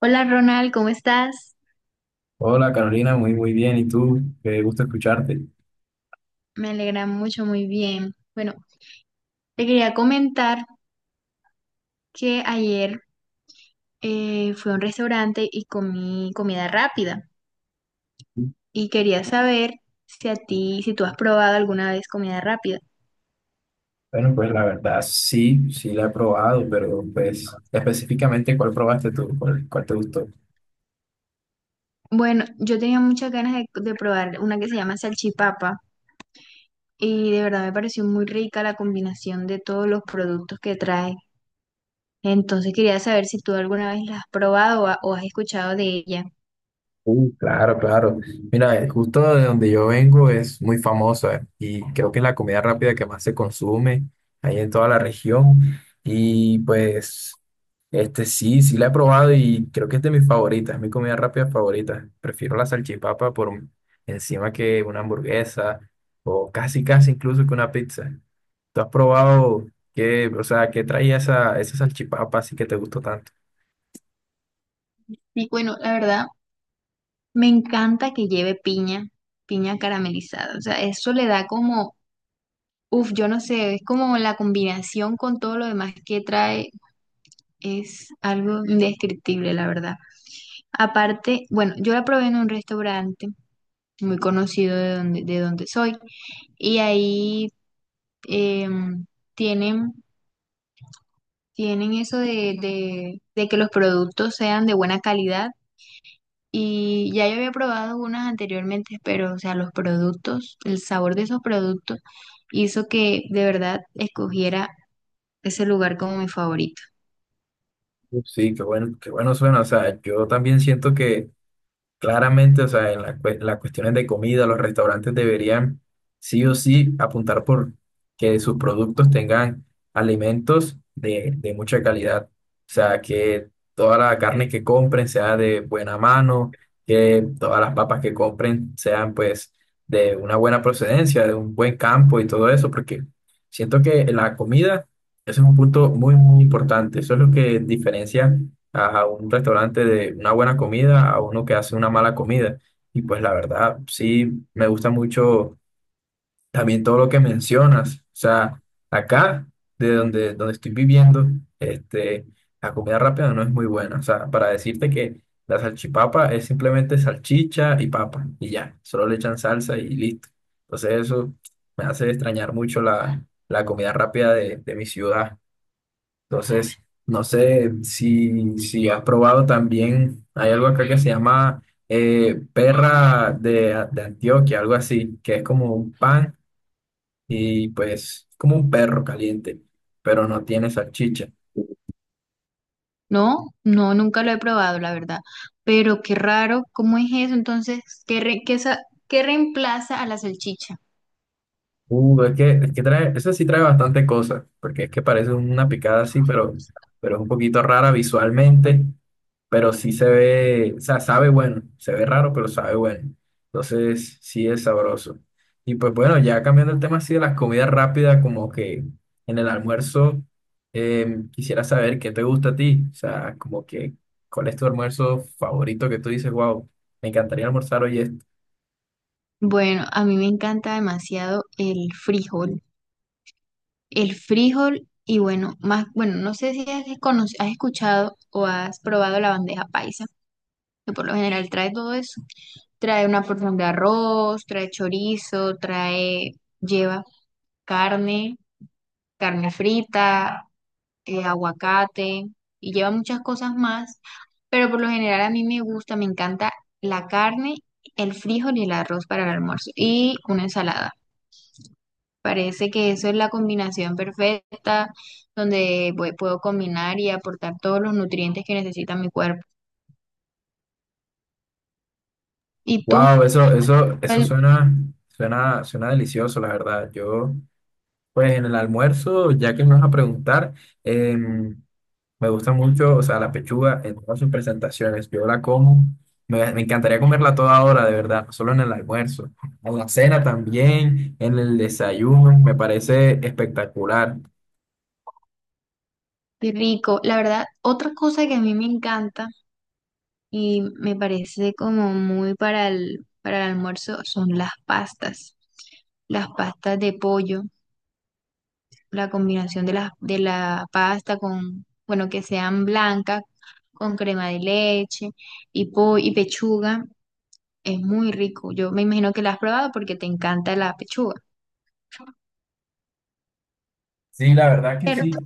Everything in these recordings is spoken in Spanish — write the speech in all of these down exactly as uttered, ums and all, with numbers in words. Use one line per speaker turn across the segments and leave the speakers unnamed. Hola Ronald, ¿cómo estás?
Hola Carolina, muy muy bien. ¿Y tú? Qué gusto escucharte.
Me alegra mucho, muy bien. Bueno, te quería comentar que ayer eh, fui a un restaurante y comí comida rápida y quería saber si a ti, si tú has probado alguna vez comida rápida.
Bueno, pues la verdad sí, sí la he probado, pero pues específicamente ¿cuál probaste tú? ¿Cuál, cuál te gustó?
Bueno, yo tenía muchas ganas de, de probar una que se llama salchipapa y de verdad me pareció muy rica la combinación de todos los productos que trae. Entonces quería saber si tú alguna vez la has probado o ha- o has escuchado de ella.
Uh, claro, claro. Mira, eh, justo de donde yo vengo es muy famosa y creo que es la comida rápida que más se consume ahí en toda la región. Y pues este, sí, sí la he probado y creo que es de mis favoritas, es mi comida rápida favorita. Prefiero la salchipapa por un- encima que una hamburguesa o casi casi incluso que una pizza. ¿Tú has probado qué, o sea, qué traía esa, esa salchipapa así que te gustó tanto?
Y bueno, la verdad, me encanta que lleve piña, piña caramelizada. O sea, eso le da como, uff, yo no sé, es como la combinación con todo lo demás que trae, es algo indescriptible, la verdad. Aparte, bueno, yo la probé en un restaurante muy conocido de donde, de donde soy y ahí em, tienen, tienen eso de, de de que los productos sean de buena calidad. Y ya yo había probado unas anteriormente, pero, o sea, los productos, el sabor de esos productos hizo que de verdad escogiera ese lugar como mi favorito.
Uf, sí, qué bueno, qué bueno suena. O sea, yo también siento que claramente, o sea, en la cue- las cuestiones de comida, los restaurantes deberían sí o sí apuntar por que sus productos tengan alimentos de, de mucha calidad. O sea, que toda la carne que compren sea de buena mano, que todas las papas que compren sean pues de una buena procedencia, de un buen campo y todo eso, porque siento que la comida, eso es un punto muy, muy importante. Eso es lo que diferencia a un restaurante de una buena comida a uno que hace una mala comida. Y pues la verdad, sí, me gusta mucho también todo lo que mencionas. O sea, acá, de donde, donde estoy viviendo, este, la comida rápida no es muy buena. O sea, para decirte que la salchipapa es simplemente salchicha y papa y ya, solo le echan salsa y listo. Entonces eso me hace extrañar mucho la, la comida rápida de, de mi ciudad. Entonces, no sé si, si has probado también, hay algo acá que se llama eh, perra de, de Antioquia, algo así, que es como un pan y pues como un perro caliente, pero no tiene salchicha.
No, no, nunca lo he probado, la verdad. Pero qué raro, ¿cómo es eso? Entonces, ¿qué, re- qué, sa- qué reemplaza a la salchicha?
Uh, es que, es que trae, eso sí trae bastante cosas, porque es que parece una picada así, pero, pero es un poquito rara visualmente, pero sí se ve, o sea, sabe bueno, se ve raro, pero sabe bueno. Entonces, sí es sabroso. Y pues bueno, ya cambiando el tema así de las comidas rápidas, como que en el almuerzo, eh, quisiera saber qué te gusta a ti, o sea, como que, ¿cuál es tu almuerzo favorito que tú dices, wow, me encantaría almorzar hoy?
Bueno, a mí me encanta demasiado el frijol. El frijol y bueno, más, bueno, no sé si has, cono- has escuchado o has probado la bandeja paisa, que por lo general trae todo eso. Trae una porción de arroz, trae chorizo, trae, lleva carne, carne frita, eh, aguacate y lleva muchas cosas más, pero por lo general a mí me gusta, me encanta la carne, el frijol y el arroz para el almuerzo y una ensalada. Parece que eso es la combinación perfecta donde voy- puedo combinar y aportar todos los nutrientes que necesita mi cuerpo. ¿Y tú?
Wow, eso, eso, eso
¿Cuál?
suena, suena, suena delicioso, la verdad. Yo, pues en el almuerzo, ya que me vas a preguntar, em, me gusta mucho, o sea, la pechuga en todas sus presentaciones. Yo la como, me, me encantaría comerla a toda hora, de verdad, no solo en el almuerzo, en la cena también, en el desayuno, me parece espectacular.
Qué rico. La verdad, otra cosa que a mí me encanta y me parece como muy para el, para el almuerzo son las pastas. Las pastas de pollo, la combinación de la, de la pasta con, bueno, que sean blancas, con crema de leche y, po y pechuga, es muy rico. Yo me imagino que la has probado porque te encanta la pechuga,
Sí, la verdad que
¿cierto?
sí.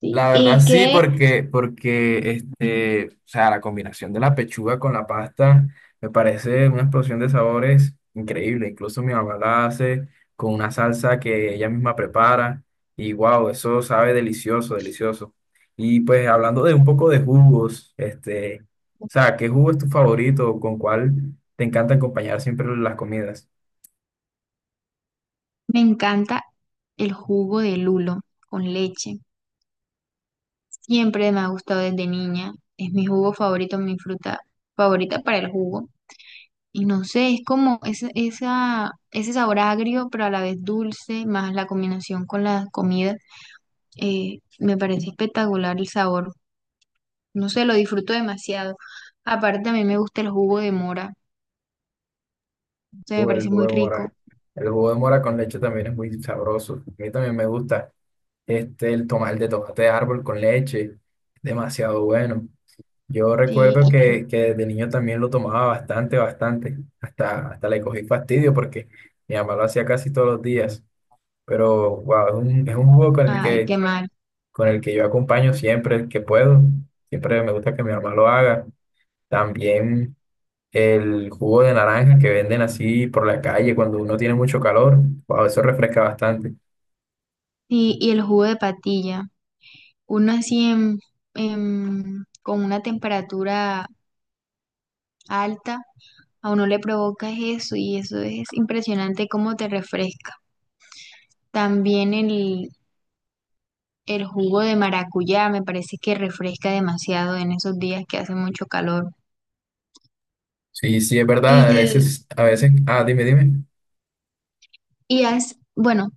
Sí.
La verdad
¿Y
sí,
qué?
porque, porque este, o sea, la combinación de la pechuga con la pasta me parece una explosión de sabores increíble. Incluso mi mamá la hace con una salsa que ella misma prepara y wow, eso sabe delicioso, delicioso. Y pues hablando de un poco de jugos, este, o sea, ¿qué jugo es tu favorito? ¿Con cuál te encanta acompañar siempre las comidas?
Me encanta el jugo de lulo con leche. Siempre me ha gustado desde niña. Es mi jugo favorito, mi fruta favorita para el jugo. Y no sé, es como ese, esa, ese sabor agrio, pero a la vez dulce, más la combinación con la comida. Eh, me parece espectacular el sabor. No sé, lo disfruto demasiado. Aparte, a mí me gusta el jugo de mora. O sea, me
Uh, el
parece
jugo
muy
de
rico.
mora. El jugo de mora con leche también es muy sabroso. A mí también me gusta. Este, el tomar de tomate de árbol con leche, demasiado bueno. Yo
Sí,
recuerdo
y-
que, que de niño también lo tomaba bastante, bastante. Hasta, hasta le cogí fastidio porque mi mamá lo hacía casi todos los días. Pero wow, es un, es un jugo con el
Ay,
que,
qué mal.
con el que yo acompaño siempre que puedo. Siempre me gusta que mi mamá lo haga. También el jugo de naranja que venden así por la calle cuando uno tiene mucho calor. Wow, eso refresca bastante.
Sí, y el jugo de patilla. Uno así en, en- con una temperatura alta, a uno le provoca eso y eso es impresionante cómo te refresca. También el, el jugo de maracuyá me parece que refresca demasiado en esos días que hace mucho calor.
Sí, sí, es verdad. A
Y,
veces, a veces, ah, dime, dime.
y has- bueno,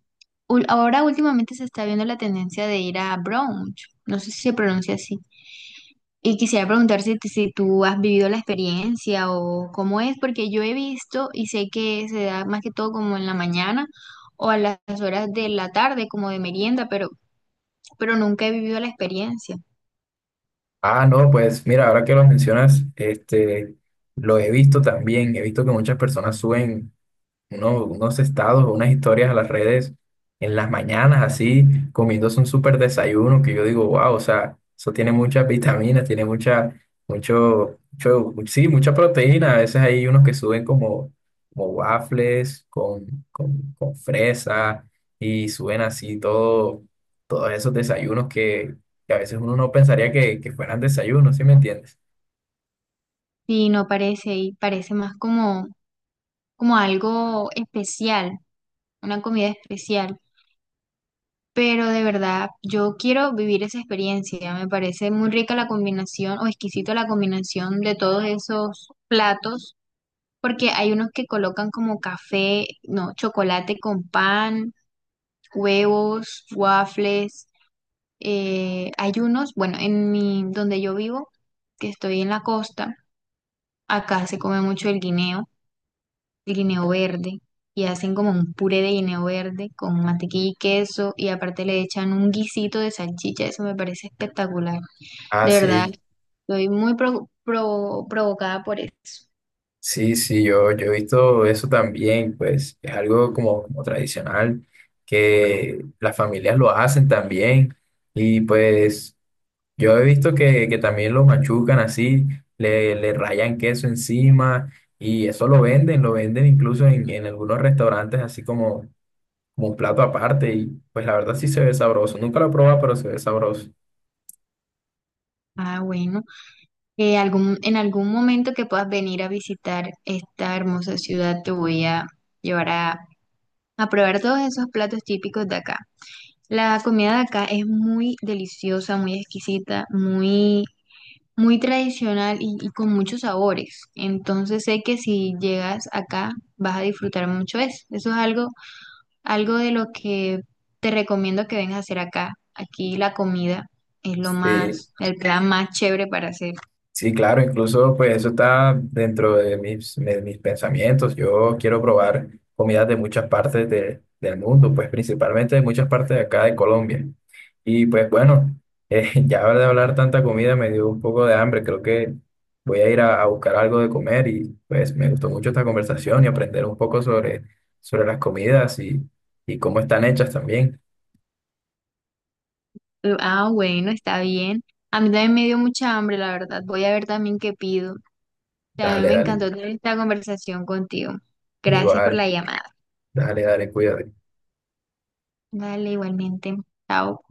ul- ahora últimamente se está viendo la tendencia de ir a brunch, no sé si se pronuncia así. Y quisiera preguntar si, si tú has vivido la experiencia o cómo es, porque yo he visto y sé que se da más que todo como en la mañana o a las horas de la tarde, como de merienda, pero, pero nunca he vivido la experiencia.
Ah, no, pues mira, ahora que lo mencionas, este, lo he visto también, he visto que muchas personas suben uno- unos estados o unas historias a las redes en las mañanas, así, comiéndose un súper desayuno, que yo digo, wow, o sea, eso tiene muchas vitaminas, tiene mucha, mucho, mucho, sí, mucha proteína. A veces hay unos que suben como, como waffles con, con, con fresa y suben así todo, todos esos desayunos que, que a veces uno no pensaría que, que fueran desayunos, ¿sí me entiendes?
Y no parece, y parece más como, como algo especial, una comida especial. Pero de verdad, yo quiero vivir esa experiencia. Me parece muy rica la combinación o exquisita la combinación de todos esos platos. Porque hay unos que colocan como café, no, chocolate con pan, huevos, waffles. Eh, hay unos, bueno, en mi, donde yo vivo, que estoy en la costa, acá se come mucho el guineo, el guineo verde, y hacen como un puré de guineo verde con mantequilla y queso, y aparte le echan un guisito de salchicha, eso me parece espectacular.
Ah,
De verdad,
sí.
estoy muy pro- pro- provocada por eso.
Sí, sí, yo, yo he visto eso también, pues es algo como, como tradicional que las familias lo hacen también y pues yo he visto que, que también lo machucan así, le, le rayan queso encima y eso lo venden, lo venden incluso en, en algunos restaurantes así como, como un plato aparte y pues la verdad sí se ve sabroso, nunca lo he probado pero se ve sabroso.
Ah, bueno. Eh, algún, en algún momento que puedas venir a visitar esta hermosa ciudad, te voy a llevar a, a probar todos esos platos típicos de acá. La comida de acá es muy deliciosa, muy exquisita, muy, muy tradicional y, y con muchos sabores. Entonces sé que si llegas acá vas a disfrutar mucho eso. Eso es algo, algo de lo que te recomiendo que vengas a hacer acá. Aquí la comida es lo
Sí.
más, el plan más chévere para hacer.
Sí, claro, incluso pues eso está dentro de mis, de mis pensamientos. Yo quiero probar comidas de muchas partes de- del mundo, pues principalmente de muchas partes de acá de Colombia. Y pues bueno, eh, ya de hablar tanta comida me dio un poco de hambre. Creo que voy a ir a, a buscar algo de comer y pues me gustó mucho esta conversación y aprender un poco sobre, sobre las comidas y, y cómo están hechas también.
Eh, Ah, bueno, está bien. A mí también me dio mucha hambre, la verdad. Voy a ver también qué pido. También
Dale,
me
dale.
encantó tener esta conversación contigo. Gracias por
Igual,
la llamada.
dale, dale, cuídate.
Dale, igualmente. Chao.